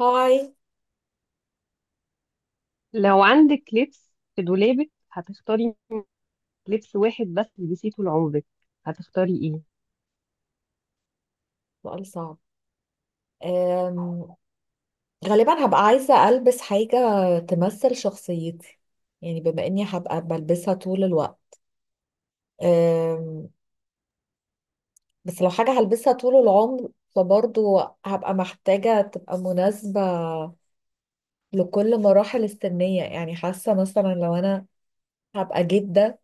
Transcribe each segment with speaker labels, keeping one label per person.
Speaker 1: هاي.
Speaker 2: لو عندك لبس في دولابك هتختاري لبس واحد بس تلبسيه طول عمرك، هتختاري ايه؟
Speaker 1: سؤال صعب. أم... غالبا هبقى عايزة ألبس حاجة تمثل شخصيتي، يعني بما إني هبقى بلبسها طول الوقت. أم... بس لو حاجة هلبسها طول العمر فبرضو هبقى محتاجة تبقى مناسبة لكل مراحل السنية. يعني حاسة مثلا لو أنا هبقى جدة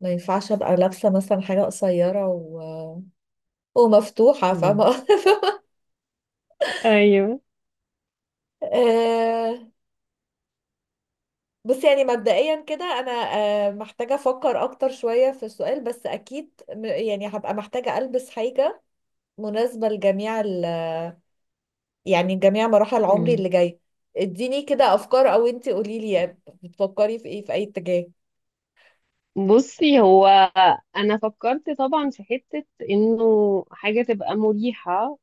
Speaker 1: ما ينفعش أبقى لابسة مثلا حاجة قصيرة ومفتوحة،
Speaker 2: مم.
Speaker 1: فاهمة؟
Speaker 2: ايوه.
Speaker 1: بص، يعني مبدئيا كده انا محتاجه افكر اكتر شويه في السؤال، بس اكيد يعني هبقى محتاجه البس حاجه مناسبه لجميع ال يعني جميع مراحل عمري
Speaker 2: مم.
Speaker 1: اللي جايه. اديني كده افكار، او انتي قولي لي يعني بتفكري في ايه، في اي اتجاه؟
Speaker 2: بصي، هو انا فكرت طبعا في حتة انه حاجة تبقى مريحة،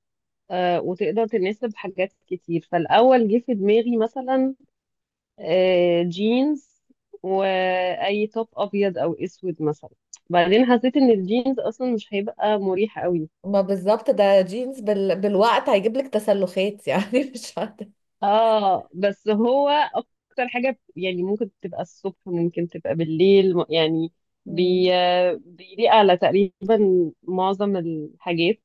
Speaker 2: وتقدر تناسب حاجات كتير. فالاول جه في دماغي مثلا جينز واي توب ابيض او اسود مثلا. بعدين حسيت ان الجينز اصلا مش هيبقى مريح قوي.
Speaker 1: ما بالظبط ده جينز بالوقت هيجيب لك تسلخات، يعني مش عارفه.
Speaker 2: اه، بس هو اكتر حاجه يعني ممكن تبقى الصبح، ممكن تبقى بالليل، يعني بي بيليق على تقريبا معظم الحاجات.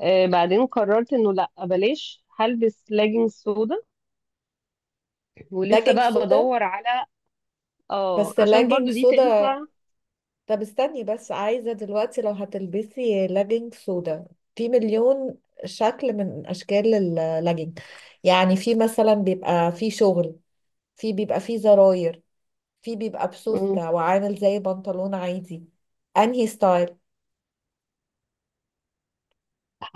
Speaker 2: آه، بعدين قررت انه لا، بلاش، هلبس لاجينج سودا، ولسه
Speaker 1: لاجينج
Speaker 2: بقى
Speaker 1: سودا؟
Speaker 2: بدور على. اه،
Speaker 1: بس
Speaker 2: عشان
Speaker 1: لاجينج
Speaker 2: برضو دي
Speaker 1: سودا؟
Speaker 2: تنفع.
Speaker 1: طب استني بس، عايزة دلوقتي لو هتلبسي لاجينج سودا، في مليون شكل من أشكال اللاجينج. يعني في مثلا بيبقى فيه شغل، في بيبقى فيه زراير، في بيبقى
Speaker 2: مم.
Speaker 1: بسوستة وعامل زي بنطلون عادي. أنهي ستايل؟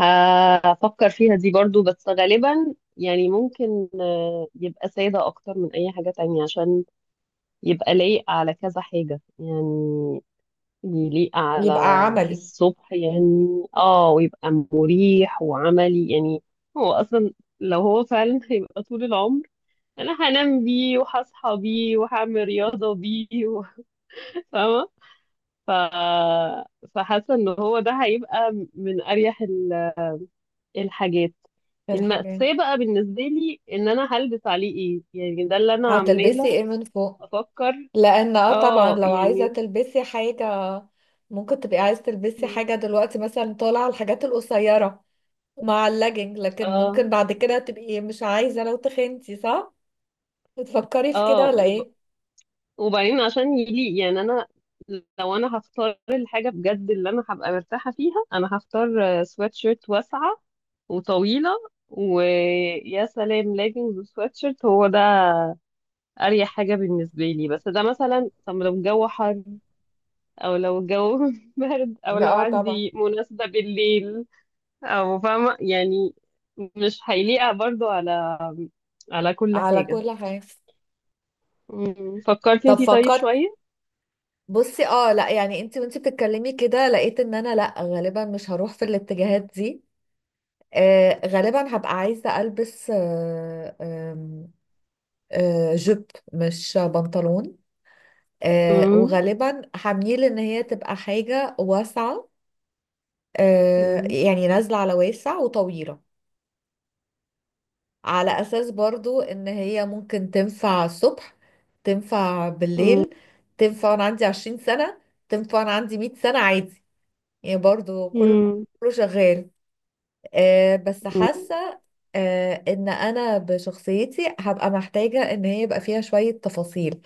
Speaker 2: هفكر فيها دي برضو، بس غالبا يعني ممكن يبقى سادة أكتر من أي حاجة تانية، عشان يبقى لايق على كذا حاجة يعني. يليق على
Speaker 1: يبقى عملي.
Speaker 2: الصبح يعني، اه، ويبقى مريح وعملي يعني. هو اصلا لو هو فعلا هيبقى طول العمر، انا هنام بيه وهصحى بيه وهعمل رياضة بيه فاهمة. ف... فحاسة ان هو ده هيبقى من اريح الحاجات.
Speaker 1: في الحاجات.
Speaker 2: المأساة بقى بالنسبة لي ان انا هلبس عليه ايه، يعني ده اللي انا
Speaker 1: هتلبسي
Speaker 2: عمالة
Speaker 1: ايه من فوق؟
Speaker 2: افكر.
Speaker 1: لأن اه طبعا
Speaker 2: اه،
Speaker 1: لو عايزة
Speaker 2: يعني.
Speaker 1: تلبسي حاجة، ممكن تبقي عايزة تلبسي حاجة دلوقتي مثلا طالعة الحاجات القصيرة مع اللاجنج، لكن
Speaker 2: اه.
Speaker 1: ممكن بعد كده تبقي مش عايزة لو تخنتي، صح؟ بتفكري في كده
Speaker 2: اه.
Speaker 1: ولا ايه؟
Speaker 2: وبعدين عشان يليق يعني انا، لو انا هختار الحاجه بجد اللي انا هبقى مرتاحه فيها، انا هختار سوات شيرت واسعه وطويله. ويا سلام، ليجنز وسوات شيرت، هو ده اريح حاجه بالنسبه لي. بس ده مثلا، طب لو الجو حر، او لو الجو برد، او لو
Speaker 1: اه طبعا.
Speaker 2: عندي مناسبه بالليل، او فاهمه يعني، مش هيليق برضو على كل
Speaker 1: على
Speaker 2: حاجه.
Speaker 1: كل حاجة.
Speaker 2: مم. فكرتي
Speaker 1: طب
Speaker 2: انتي طيب
Speaker 1: فكرت.
Speaker 2: شويه.
Speaker 1: بصي اه لا، يعني انت وانت بتتكلمي كده لقيت ان انا لا، غالبا مش هروح في الاتجاهات دي. آه غالبا هبقى عايزة البس، آه آم، آه جيب، مش بنطلون. آه
Speaker 2: مم.
Speaker 1: وغالبا هميل ان هي تبقى حاجة واسعة.
Speaker 2: مم.
Speaker 1: يعني نازلة على واسع وطويلة، على اساس برضو ان هي ممكن تنفع الصبح، تنفع بالليل، تنفع وانا عندي 20 سنة، تنفع وانا عندي 100 سنة، عادي. يعني برضو كله،
Speaker 2: مم.
Speaker 1: كله شغال. بس
Speaker 2: مم.
Speaker 1: حاسة ان انا بشخصيتي هبقى محتاجة ان هي يبقى فيها شوية تفاصيل،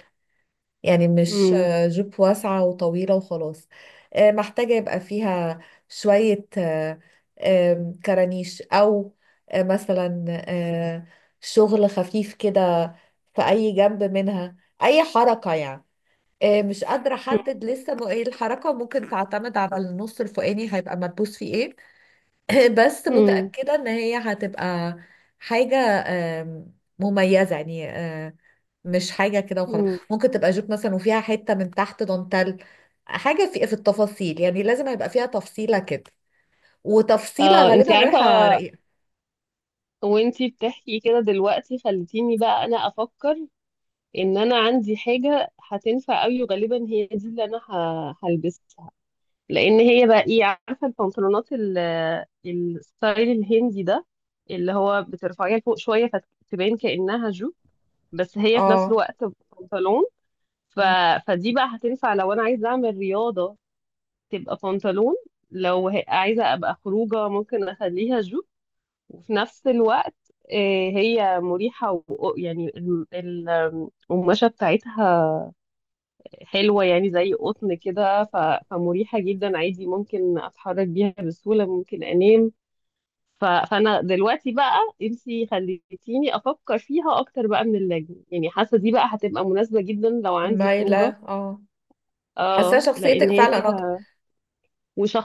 Speaker 1: يعني مش
Speaker 2: امم.
Speaker 1: جيب واسعة وطويلة وخلاص. محتاجة يبقى فيها شوية، آه، آم، كرانيش، أو مثلا شغل خفيف كده في أي جنب منها، أي حركة يعني. مش قادرة أحدد لسه إيه الحركة، ممكن تعتمد على النص الفوقاني هيبقى مدبوس فيه إيه. بس
Speaker 2: امم.
Speaker 1: متأكدة إن هي هتبقى حاجة مميزة، يعني مش حاجة كده وخلاص.
Speaker 2: امم.
Speaker 1: ممكن تبقى جوب مثلا وفيها حتة من تحت دانتال، حاجة في التفاصيل. يعني لازم يبقى فيها تفصيلة كده، وتفصيلة
Speaker 2: اه، انت
Speaker 1: غالبا رايحة
Speaker 2: عارفه،
Speaker 1: رقيقة.
Speaker 2: وانت بتحكي كده دلوقتي خلتيني بقى انا افكر ان انا عندي حاجه هتنفع قوي، وغالبا هي دي اللي انا هلبسها. لان هي بقى ايه، عارفه البنطلونات الستايل الهندي ده، اللي هو بترفعيها لفوق شويه فتبان كانها جو، بس هي في نفس
Speaker 1: اه
Speaker 2: الوقت بنطلون. ف...
Speaker 1: م-
Speaker 2: فدي بقى هتنفع لو انا عايزه اعمل رياضه، تبقى بنطلون. لو عايزة أبقى خروجة، ممكن أخليها جوب، وفي نفس الوقت هي مريحة يعني القماشة بتاعتها حلوة، يعني زي قطن كده. فمريحة جدا عادي، ممكن أتحرك بيها بسهولة، ممكن أنام. فأنا دلوقتي بقى، انتي خليتيني أفكر فيها أكتر بقى من اللجنة، يعني حاسة دي بقى هتبقى مناسبة جدا لو عندي
Speaker 1: مايلة،
Speaker 2: خروجة.
Speaker 1: اه. حاسة
Speaker 2: اه، لأن
Speaker 1: شخصيتك
Speaker 2: هي
Speaker 1: فعلا اكتر.
Speaker 2: فيها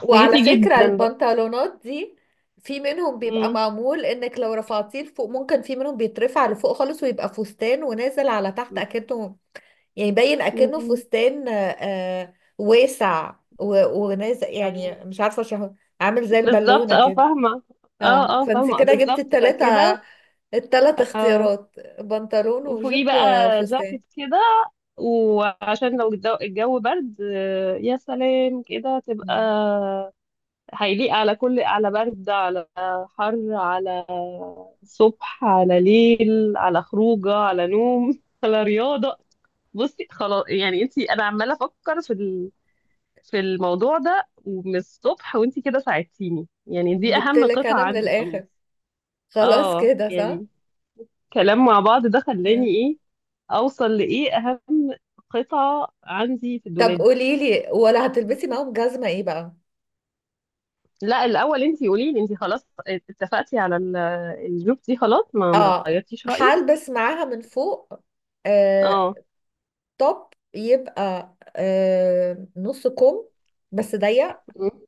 Speaker 1: وعلى فكرة
Speaker 2: جدا بقى.
Speaker 1: البنطلونات دي، في منهم بيبقى
Speaker 2: مم.
Speaker 1: معمول انك لو رفعتيه لفوق، ممكن في منهم بيترفع لفوق خالص ويبقى فستان ونازل على تحت اكنه، يعني باين اكنه
Speaker 2: مم.
Speaker 1: فستان واسع ونازل، يعني
Speaker 2: أيوة.
Speaker 1: مش عارفه شهر، عامل زي
Speaker 2: بالظبط،
Speaker 1: البالونه
Speaker 2: اه،
Speaker 1: كده.
Speaker 2: فاهمة.
Speaker 1: اه
Speaker 2: اه، اه،
Speaker 1: فانت
Speaker 2: فاهمة
Speaker 1: كده جبت
Speaker 2: بالظبط،
Speaker 1: التلاتة،
Speaker 2: فكده.
Speaker 1: التلات
Speaker 2: اه،
Speaker 1: اختيارات: بنطلون وجيب
Speaker 2: وفوقيه بقى
Speaker 1: وفستان.
Speaker 2: جاكيت كده، وعشان لو الجو برد، يا سلام كده تبقى.
Speaker 1: مم.
Speaker 2: هيليق على كل، على برد، على حر، على صبح، على ليل، على خروجه، على نوم، على رياضة. بصي خلاص، يعني انتي، انا عمالة افكر في الموضوع ده ومن الصبح، وانتي كده ساعدتيني، يعني دي
Speaker 1: جبت
Speaker 2: اهم
Speaker 1: لك
Speaker 2: قطعة
Speaker 1: انا من
Speaker 2: عندي خلاص.
Speaker 1: الاخر، خلاص
Speaker 2: اه،
Speaker 1: كده، صح؟
Speaker 2: يعني كلام مع بعض ده خلاني
Speaker 1: مم.
Speaker 2: ايه، اوصل لايه اهم قطعة عندي في
Speaker 1: طب
Speaker 2: الدولاب.
Speaker 1: قولي لي، ولا هتلبسي معاهم جزمه ايه بقى؟
Speaker 2: لا، الاول انتي قولي لي، انتي خلاص اتفقتي على الجروب دي، خلاص ما
Speaker 1: اه.
Speaker 2: غيرتيش رأيك؟
Speaker 1: هلبس معاها من فوق آه،
Speaker 2: اه.
Speaker 1: توب يبقى نص كم، بس ضيق.
Speaker 2: م-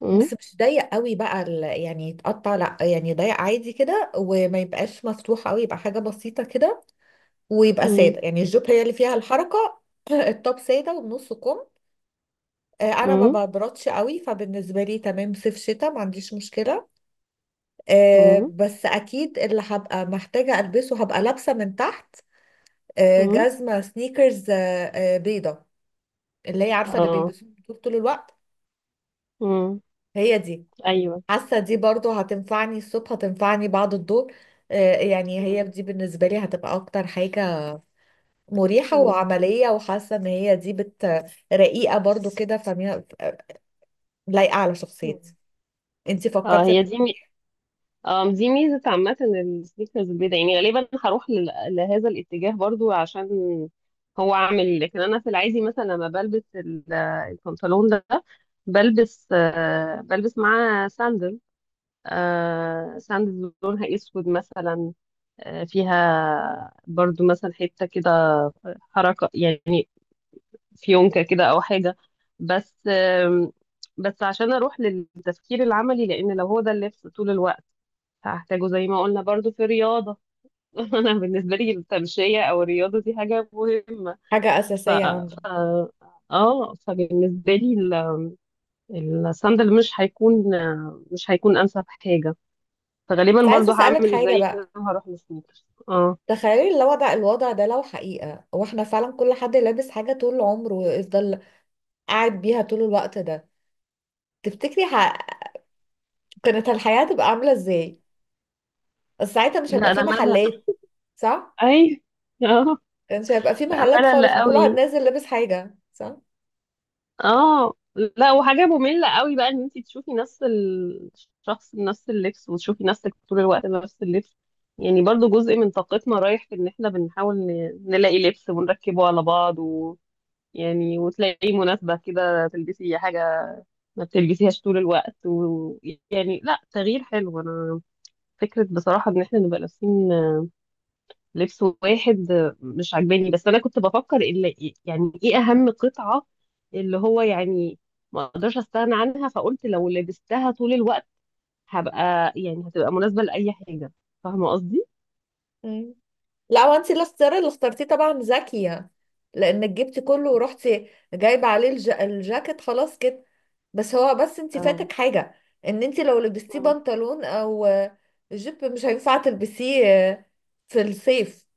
Speaker 2: م-
Speaker 1: بس مش ضيق قوي بقى يعني يتقطع، لا، يعني ضيق عادي كده، وما يبقاش مفتوح قوي، يبقى حاجة بسيطة كده. ويبقى
Speaker 2: م-
Speaker 1: سادة، يعني الجوب هي اللي فيها الحركة. التوب سادة وبنص كم. انا ما
Speaker 2: م-
Speaker 1: ببردش قوي، فبالنسبة لي تمام، صيف شتاء ما عنديش مشكلة.
Speaker 2: م-
Speaker 1: بس اكيد اللي هبقى محتاجة البسه، هبقى لابسة من تحت
Speaker 2: م-
Speaker 1: جزمة سنيكرز بيضة، اللي هي عارفة اللي
Speaker 2: اه.
Speaker 1: بيلبسوها طول الوقت،
Speaker 2: م-
Speaker 1: هي دي.
Speaker 2: ايوه.
Speaker 1: حاسه دي برضو هتنفعني الصبح، هتنفعني بعد الظهر. يعني هي
Speaker 2: م-
Speaker 1: دي بالنسبه لي هتبقى اكتر حاجه مريحه
Speaker 2: م-
Speaker 1: وعمليه، وحاسه ان هي دي بت، رقيقه برضو كده فميها، لايقه على شخصيتي.
Speaker 2: م.
Speaker 1: انتي
Speaker 2: اه،
Speaker 1: فكرتي
Speaker 2: هي
Speaker 1: في
Speaker 2: دي. دي ميزة عامة السنيكرز البيضاء، يعني غالبا هروح لهذا الاتجاه برضو، عشان هو عامل. لكن أنا في العادي مثلا لما بلبس البنطلون ده، بلبس معاه ساندل، ساندل لونها أسود مثلا، فيها برضو مثلا حتة كده حركة، يعني فيونكة كده أو حاجة. بس آم، بس عشان أروح للتفكير العملي، لأن لو هو ده اللبس طول الوقت، هحتاجه زي ما قلنا برضو في الرياضة. أنا بالنسبة لي التمشية أو الرياضة دي حاجة مهمة.
Speaker 1: حاجه
Speaker 2: ف...
Speaker 1: اساسيه عندك.
Speaker 2: ف... اه، فبالنسبة لي الصندل مش هيكون أنسب حاجة.
Speaker 1: بس
Speaker 2: فغالبا
Speaker 1: عايزه
Speaker 2: برضو
Speaker 1: اسالك
Speaker 2: هعمل
Speaker 1: حاجه
Speaker 2: زي
Speaker 1: بقى،
Speaker 2: كده وهروح للسنيكرز، اه.
Speaker 1: تخيلي الوضع، الوضع ده لو حقيقه، واحنا فعلا كل حد لابس حاجه طول عمره ويفضل قاعد بيها طول الوقت ده، تفتكري كانت الحياه هتبقى عامله ازاي؟ بس ساعتها مش هيبقى
Speaker 2: لا، ده
Speaker 1: في
Speaker 2: ملل.
Speaker 1: محلات، صح؟
Speaker 2: أي. اه.
Speaker 1: مش هيبقى في
Speaker 2: لا،
Speaker 1: محلات
Speaker 2: ملل
Speaker 1: خالص، ما كل واحد
Speaker 2: قوي.
Speaker 1: نازل لابس حاجة، صح؟
Speaker 2: اه. لا، وحاجة مملة قوي بقى، ان انت تشوفي نفس الشخص بنفس اللبس، وتشوفي نفسك طول الوقت بنفس اللبس. يعني برضو جزء من طاقتنا رايح في ان احنا بنحاول نلاقي لبس ونركبه على بعض، و، يعني وتلاقي مناسبة كده تلبسي حاجة ما بتلبسيهاش طول الوقت. ويعني لا، تغيير حلو. انا فكرة بصراحة ان احنا نبقى لابسين لبس واحد مش عجباني، بس انا كنت بفكر اللي يعني ايه اهم قطعة، اللي هو يعني ما اقدرش استغنى عنها، فقلت لو لبستها طول الوقت هبقى، يعني هتبقى مناسبة لأي حاجة. فاهمة قصدي؟
Speaker 1: مم. لا، وانت الاختيار اللي اخترتيه طبعا ذكية، لانك جبتي كله ورحتي جايبة عليه الجاكيت، خلاص كده. بس هو بس انت
Speaker 2: اه.
Speaker 1: فاتك حاجة، ان انت لو لبستيه
Speaker 2: مم.
Speaker 1: بنطلون او جيب، مش هينفع تلبسيه في الصيف.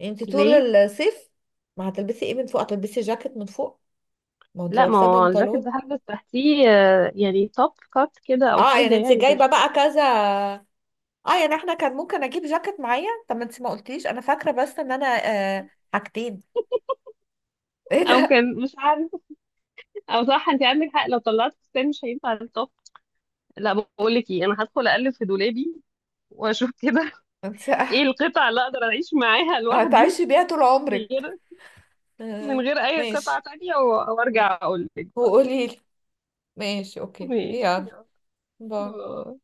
Speaker 1: انت طول
Speaker 2: ليه؟
Speaker 1: الصيف ما هتلبسي ايه من فوق؟ هتلبسي جاكيت من فوق؟ ما هو انت
Speaker 2: لا، ما
Speaker 1: لابساه
Speaker 2: هو الجاكيت
Speaker 1: بنطلون.
Speaker 2: ده هلبس تحتيه يعني توب كات كده او
Speaker 1: اه
Speaker 2: حاجة،
Speaker 1: يعني انت
Speaker 2: يعني
Speaker 1: جايبة
Speaker 2: مش.
Speaker 1: بقى كذا. اه يعني احنا كان ممكن اجيب جاكيت معايا، طب ما انت ما قلتيش انا فاكره، بس ان انا آه، حاجتين. ايه
Speaker 2: او
Speaker 1: ده!
Speaker 2: كان، مش عارفة، او صح، انت عندك حق، لو طلعت فستان مش هينفع التوب. لا، بقول لك ايه، انا هدخل اقلب في دولابي واشوف كده
Speaker 1: انت
Speaker 2: ايه القطعة اللي اقدر اعيش معاها لوحدي
Speaker 1: هتعيشي بيها طول
Speaker 2: من غير،
Speaker 1: عمرك. آه.
Speaker 2: اي
Speaker 1: ماشي.
Speaker 2: قطعة تانية، وارجع اقول لك بقى.
Speaker 1: وقولي لي. ماشي، اوكي،
Speaker 2: ماشي.
Speaker 1: يلا. باي.
Speaker 2: يلا.